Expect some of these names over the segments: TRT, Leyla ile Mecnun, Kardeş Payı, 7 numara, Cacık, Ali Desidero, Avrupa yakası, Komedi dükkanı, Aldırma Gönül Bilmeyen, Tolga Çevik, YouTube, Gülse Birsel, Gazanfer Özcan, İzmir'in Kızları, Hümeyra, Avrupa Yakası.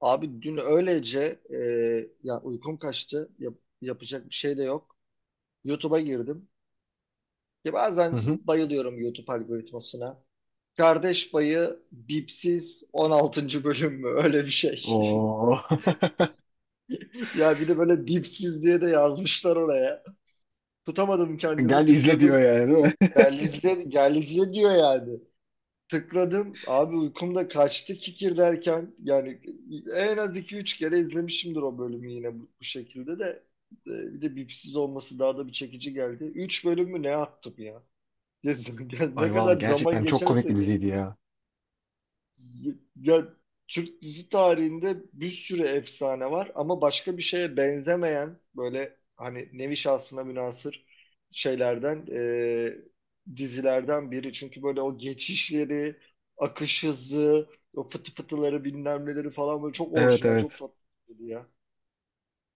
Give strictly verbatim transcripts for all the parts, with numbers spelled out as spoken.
Abi dün öylece e, ya uykum kaçtı. Yap- yapacak bir şey de yok. YouTube'a girdim. Ya Hı bazen hı. bayılıyorum YouTube algoritmasına. Kardeş Payı Bipsiz on altıncı bölüm mü? Öyle bir şey. Oo. Ya bir de böyle bipsiz diye de yazmışlar oraya. Tutamadım kendimi Gel izle diyor tıkladım. yani değil mi? Gel izle, gel izle diyor yani. Tıkladım. Abi uykumda kaçtı kikir derken. Yani en az iki üç kere izlemişimdir o bölümü yine bu, bu şekilde de. E, Bir de bipsiz olması daha da bir çekici geldi. üç bölüm mü ne yaptım ya? Ne Ay valla kadar zaman gerçekten çok komik geçerse bir geç. diziydi ya. Ya Türk dizi tarihinde bir sürü efsane var ama başka bir şeye benzemeyen böyle hani nevi şahsına münasır şeylerden e, dizilerden biri. Çünkü böyle o geçişleri, akış hızı, o fıtı fıtıları bilmem neleri falan böyle çok Evet, orijinal, çok evet. tatlı ya.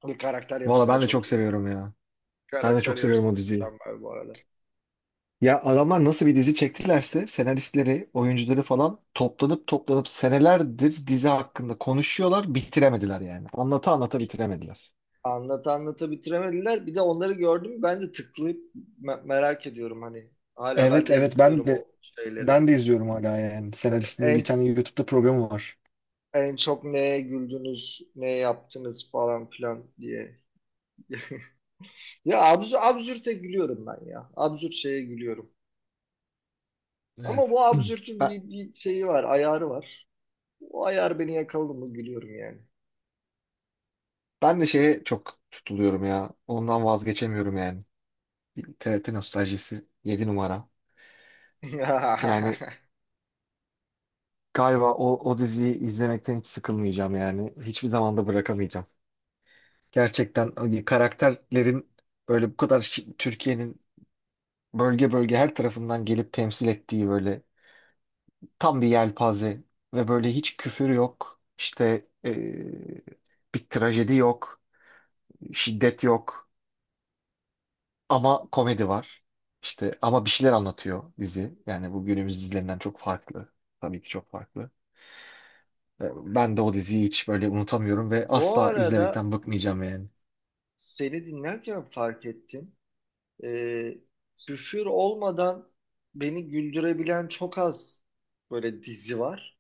Ve karakter Valla yapısı da ben de çok çok iyi. bu seviyorum ya. Ben de Karakter çok seviyorum yapısı o da diziyi. mükemmel bu arada. Ya adamlar nasıl bir dizi çektilerse senaristleri, oyuncuları falan toplanıp toplanıp senelerdir dizi hakkında konuşuyorlar, bitiremediler yani. Anlata anlata bitiremediler. Anlat anlata bitiremediler. Bir de onları gördüm. Ben de tıklayıp me- merak ediyorum hani. Hala ben Evet de evet, ben izliyorum de o şeyleri. ben de izliyorum hala yani. Yani Senaristin en bir tane YouTube'da programı var. en çok neye güldünüz, ne yaptınız falan filan diye. Ya absürt, absürte gülüyorum ben ya. Absürt şeye gülüyorum. Ama Evet. bu absürtün Ben, bir, bir şeyi var, ayarı var. O ayar beni yakaladı mı gülüyorum yani. Ben de şeye çok tutuluyorum ya. Ondan vazgeçemiyorum yani. T R T nostaljisi yedi numara. Yani galiba o, o diziyi izlemekten hiç sıkılmayacağım yani. Hiçbir zaman da bırakamayacağım. Gerçekten hani karakterlerin böyle bu kadar şi- Türkiye'nin bölge bölge her tarafından gelip temsil ettiği böyle tam bir yelpaze ve böyle hiç küfür yok. İşte eee, bir trajedi yok, şiddet yok ama komedi var. İşte ama bir şeyler anlatıyor dizi. Yani bu günümüz dizilerinden çok farklı. Tabii ki çok farklı. Ben de o diziyi hiç böyle unutamıyorum ve Bu asla arada izlemekten bıkmayacağım yani. seni dinlerken fark ettim. e, küfür olmadan beni güldürebilen çok az böyle dizi var.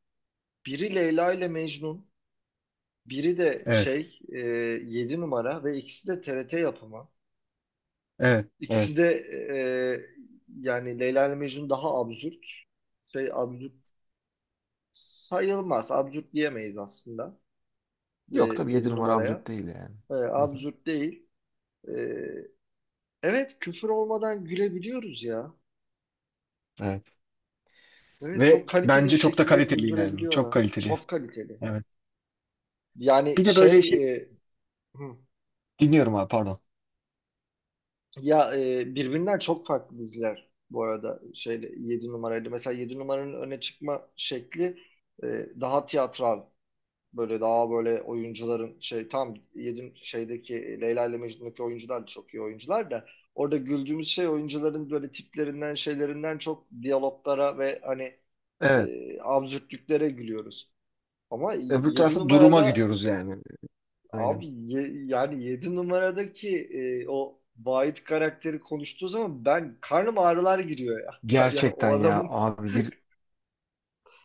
Biri Leyla ile Mecnun, biri de Evet, şey e, yedi numara ve ikisi de T R T yapımı. evet, İkisi evet. de e, yani Leyla ile Mecnun daha absürt. Şey absürt sayılmaz. Absürt diyemeyiz aslında e, Yok tabii yedi yedi numara numaraya. absürt değil yani. E, Hı hı. absürt değil. E, evet küfür olmadan gülebiliyoruz ya. Evet. Evet, çok Ve kaliteli bir bence çok da şekilde kaliteli yani. Çok güldürebiliyorlar. kaliteli. Çok kaliteli. Evet. Bir Yani de böyle şey şey e, hı, dinliyorum abi, pardon. ya e, birbirinden çok farklı diziler bu arada şeyle yedi numaraydı. Mesela yedi numaranın öne çıkma şekli e, daha tiyatral, böyle daha böyle oyuncuların şey tam yedi şeydeki Leyla ile Mecnun'daki oyuncular da çok iyi oyuncular da orada güldüğümüz şey oyuncuların böyle tiplerinden şeylerinden çok diyaloglara ve hani Evet. e, absürtlüklere gülüyoruz. Ama Öbür yedi tarafta duruma numarada, gidiyoruz yani. Aynen. abi ye- yani yedi numaradaki e, o Vahit karakteri konuştuğu zaman ben karnım ağrılar giriyor ya. Yani Gerçekten o ya adamın, abi bir,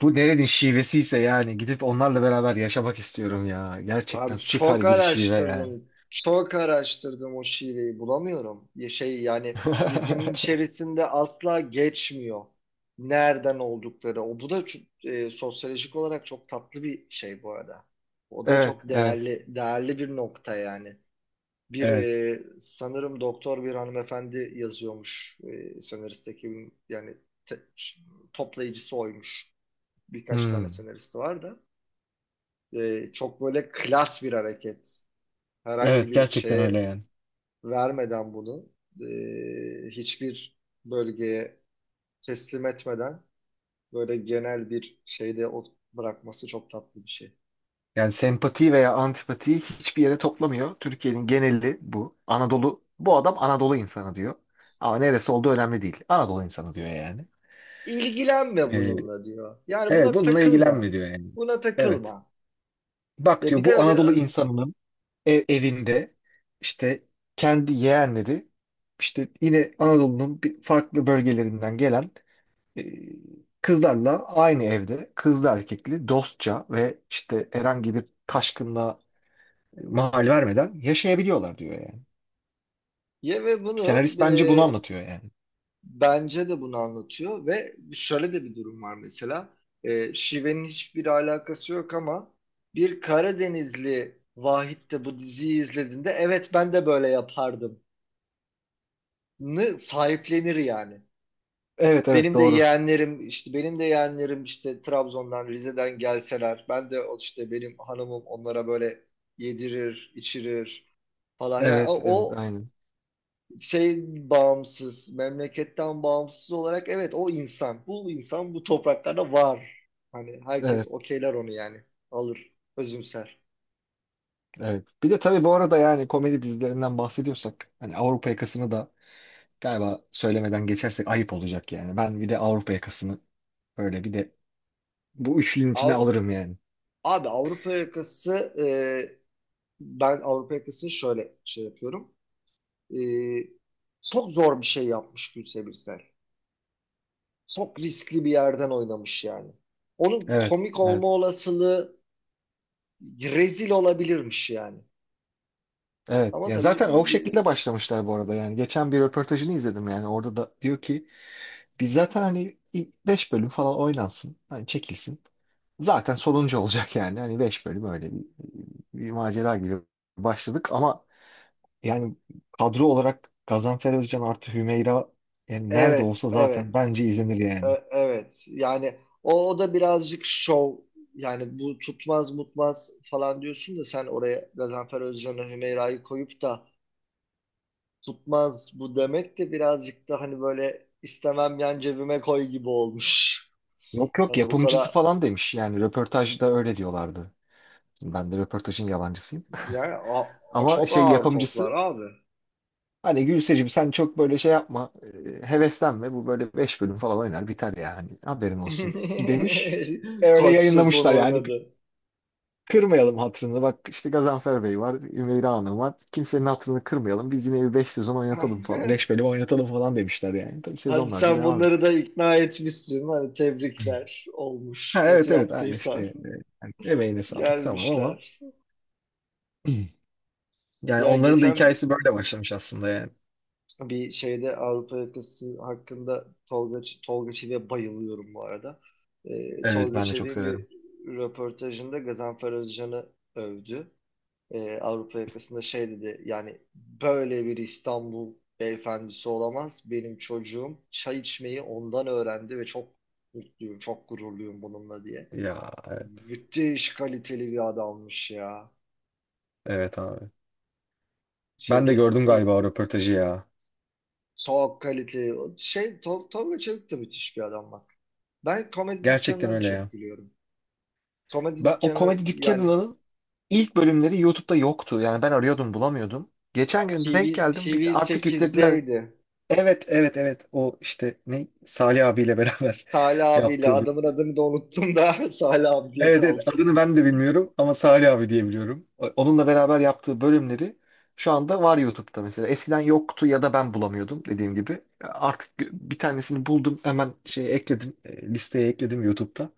bu nerenin şivesiyse yani gidip onlarla beraber yaşamak istiyorum ya. Gerçekten abi çok süper bir şive yani. araştırdım. Çok araştırdım, o şiveyi bulamıyorum. Ya şey yani dizinin içerisinde asla geçmiyor. Nereden oldukları. O bu da çok- e, sosyolojik olarak çok tatlı bir şey bu arada. O da Evet, çok evet, değerli değerli bir nokta yani. Bir evet. e, sanırım doktor bir hanımefendi yazıyormuş, e, senarist ekibin yani te- toplayıcısı oymuş. Birkaç tane Hmm. senaristi var da, E, çok böyle klas bir hareket. Herhangi Evet, bir gerçekten öyle şeye yani. vermeden bunu e, hiçbir bölgeye teslim etmeden böyle genel bir şeyde o bırakması çok tatlı bir şey. Yani sempati veya antipatiyi hiçbir yere toplamıyor. Türkiye'nin geneli bu. Anadolu, bu adam Anadolu insanı diyor. Ama neresi olduğu önemli değil. Anadolu insanı diyor yani. İlgilenme Ee, bununla diyor. Yani evet buna bununla ilgilenme takılma. diyor yani. Buna Evet. takılma. Bak Ya diyor bir de bu öyle Anadolu insanının e- evinde işte kendi yeğenleri işte yine Anadolu'nun bir farklı bölgelerinden gelen e, kızlarla aynı evde kızlı erkekli dostça ve işte herhangi bir taşkınlığa mahal vermeden yaşayabiliyorlar diyor yani. Ye ve bunu Senarist bence bunu e, anlatıyor yani. bence de bunu anlatıyor ve şöyle de bir durum var mesela. E, şivenin hiçbir alakası yok ama bir Karadenizli Vahit de bu diziyi izlediğinde, evet ben de böyle yapardım. Nı sahiplenir yani. Evet evet, Benim de doğru. yeğenlerim işte benim de yeğenlerim işte Trabzon'dan, Rize'den gelseler, ben de o, işte benim hanımım onlara böyle yedirir, içirir falan. Yani Evet. o, Evet o aynen. şey, bağımsız, memleketten bağımsız olarak, evet o insan, bu insan bu topraklarda var. Hani herkes Evet okeyler onu yani. Alır, özümser. evet. Bir de tabii bu arada yani komedi dizilerinden bahsediyorsak hani Avrupa yakasını da galiba söylemeden geçersek ayıp olacak yani. Ben bir de Avrupa yakasını böyle bir de bu üçlünün içine Av- alırım yani. abi Avrupa yakası, e, ben Avrupa yakasını şöyle şey yapıyorum. E, çok zor bir şey yapmış Gülse Birsel. Çok riskli bir yerden oynamış yani. Onun Evet. komik Evet. olma olasılığı rezil olabilirmiş yani. Evet. Ama Ya tabii zaten o bir- şekilde başlamışlar bu arada yani. Geçen bir röportajını izledim yani. Orada da diyor ki biz zaten hani beş bölüm falan oynansın. Hani çekilsin. Zaten sonuncu olacak yani. Hani beş bölüm öyle bir, bir macera gibi başladık ama yani kadro olarak Gazanfer Özcan artı Hümeyra yani nerede evet, olsa evet. zaten bence izlenir yani. E- Evet yani o, o da birazcık şov yani bu tutmaz mutmaz falan diyorsun da, sen oraya Gazanfer Özcan'ı, Hümeyra'yı koyup da tutmaz bu demek de birazcık da hani böyle istemem yan cebime koy gibi olmuş. Yok yok, Hani bu yapımcısı kadar falan demiş. Yani röportajda öyle diyorlardı. Ben de röportajın yalancısıyım. yani a- a- Ama çok şey, ağır toplar yapımcısı abi. hani Gülseciğim sen çok böyle şey yapma, e, heveslenme. Bu böyle beş bölüm falan oynar biter yani, haberin olsun demiş. E, öyle Kaç sezon yayınlamışlar yani. oynadı. Kırmayalım hatırını. Bak işte Gazanfer Bey var. Ümeyra Hanım var. Kimsenin hatırını kırmayalım. Biz yine bir beş sezon oynatalım falan, beş bölüm oynatalım falan demişler yani. Tabii Hani sezonlarca sen devam bunları etmiş. da ikna etmişsin, hani tebrikler olmuş. Ha, Nasıl evet evet. Aynı işte yaptıysan e, yani emeğine sağlık tamam ama gelmişler. yani Ya onların da geçen hikayesi böyle başlamış aslında yani. bir şeyde Avrupa yakası hakkında Tolga, Ç- Tolga Çevik'e bayılıyorum bu arada. Ee, Evet, Tolga ben de çok Çevik'in bir severim. röportajında Gazanfer Özcan'ı övdü. Ee, Avrupa yakasında şey dedi yani, böyle bir İstanbul beyefendisi olamaz. Benim çocuğum çay içmeyi ondan öğrendi ve çok mutluyum, çok gururluyum bununla diye. Ya evet, Müthiş kaliteli bir adammış ya. evet abi. Ben Şeyde, de gördüm e, galiba o röportajı ya. Soğuk kalite. O Şey, Tol Tolga Çevik de müthiş bir adam bak. Ben komedi Gerçekten dükkanına da öyle ya. çok gülüyorum. Komedi Ben o dükkanı komedi yani dükkanının ilk bölümleri YouTube'da yoktu. Yani ben arıyordum bulamıyordum. Geçen gün denk TV, geldim. Bir, artık yüklediler. T V sekizdeydi. Evet evet evet. O işte ne Salih abiyle beraber Salih abiyle yaptığı adamın bölüm. adını da unuttum da Salih abi diye Evet evet, kaldı. adını ben de bilmiyorum ama Salih abi diye biliyorum. O- Onunla beraber yaptığı bölümleri şu anda var YouTube'da mesela. Eskiden yoktu ya da ben bulamıyordum dediğim gibi. Artık bir tanesini buldum, hemen şeye ekledim, e, listeye ekledim YouTube'da.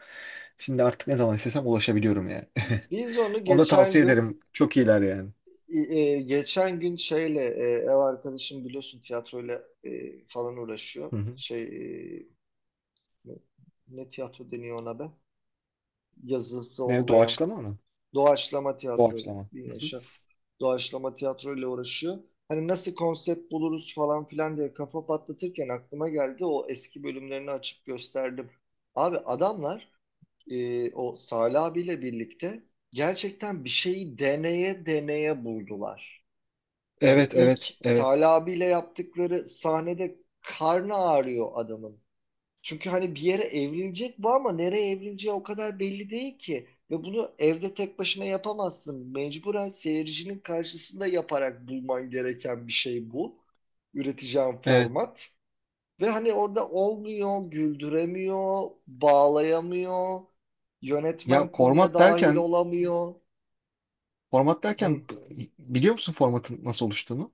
Şimdi artık ne zaman istesem ulaşabiliyorum yani. Biz onu Onu da geçen tavsiye gün ederim. Çok iyiler yani. e, geçen gün şeyle, e, ev arkadaşım biliyorsun tiyatroyla e, falan uğraşıyor. Hı hı. Şey e, ne, ne, tiyatro deniyor ona be? Yazısı Ne, olmayan. doğaçlama mı? Doğaçlama tiyatro, Doğaçlama. bin Hı hı. yaşa. Doğaçlama tiyatro ile uğraşıyor. Hani nasıl konsept buluruz falan filan diye kafa patlatırken aklıma geldi. O eski bölümlerini açıp gösterdim. Abi adamlar e, o Salih abiyle birlikte gerçekten bir şeyi deneye deneye buldular. Yani Evet, ilk evet, evet. Salih abiyle yaptıkları sahnede karnı ağrıyor adamın. Çünkü hani bir yere evrilecek bu ama nereye evrileceği o kadar belli değil ki. Ve bunu evde tek başına yapamazsın. Mecburen seyircinin karşısında yaparak bulman gereken bir şey bu. Üreteceğin Evet. format. Ve hani orada olmuyor, güldüremiyor, bağlayamıyor. Ya Yönetmen konuya format dahil derken, olamıyor. format Hı. derken b- biliyor musun formatın nasıl oluştuğunu?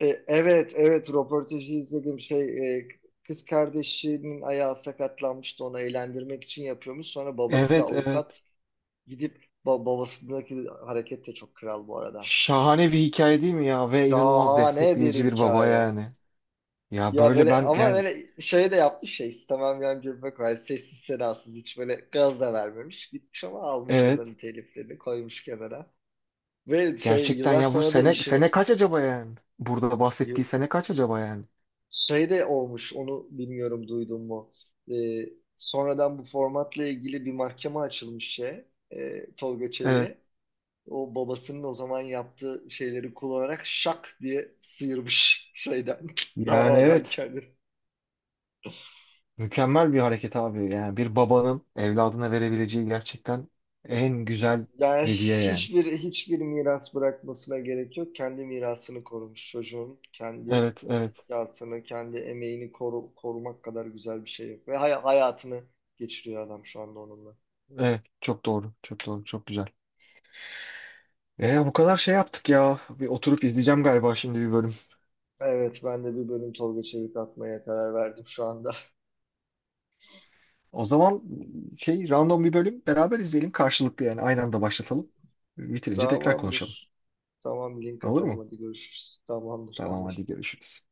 E, evet, evet röportajı izledim. Şey, e, kız kardeşinin ayağı sakatlanmıştı, onu eğlendirmek için yapıyormuş. Sonra babası da Evet, evet. avukat. Gidip ba- babasındaki hareket de çok kral bu arada. Şahane bir hikaye değil mi ya? Ve inanılmaz Şahane bir destekleyici bir baba hikaye. yani. Ya Ya böyle böyle ben ama yani böyle şey de yapmış ya, istemem yan cebime koy. Hani sessiz sedasız hiç böyle gaz da vermemiş. Gitmiş, ama almış onların evet. teliflerini koymuş kenara. Ve şey Gerçekten yıllar ya bu sonra da sene işini sene kaç acaba yani? Burada bahsettiği yı- sene kaç acaba yani? şey de olmuş, onu bilmiyorum, duydun mu? Ee, sonradan bu formatla ilgili bir mahkeme açılmış şey e, Tolga Evet. Çevik'e. O babasının o zaman yaptığı şeyleri kullanarak şak diye sıyırmış şeyden, Yani davadan evet. kendini. Mükemmel bir hareket abi. Yani bir babanın evladına verebileceği gerçekten en güzel Yani hediye yani. hiçbir hiçbir miras bırakmasına gerek yok. Kendi mirasını korumuş çocuğun. Kendi Evet, evet. zekasını, kendi emeğini koru- korumak kadar güzel bir şey yok. Ve hay- hayatını geçiriyor adam şu anda onunla. Evet, çok doğru. Çok doğru. Çok güzel. E, bu kadar şey yaptık ya. Bir oturup izleyeceğim galiba şimdi bir bölüm. Evet, ben de bir bölüm Tolga Çevik atmaya karar verdim şu anda. O zaman şey, random bir bölüm beraber izleyelim karşılıklı yani, aynı anda başlatalım. Bitirince tekrar konuşalım. Tamamdır. Tamam, link Olur atalım, mu? hadi görüşürüz. Tamamdır, Tamam hadi anlaştık. görüşürüz.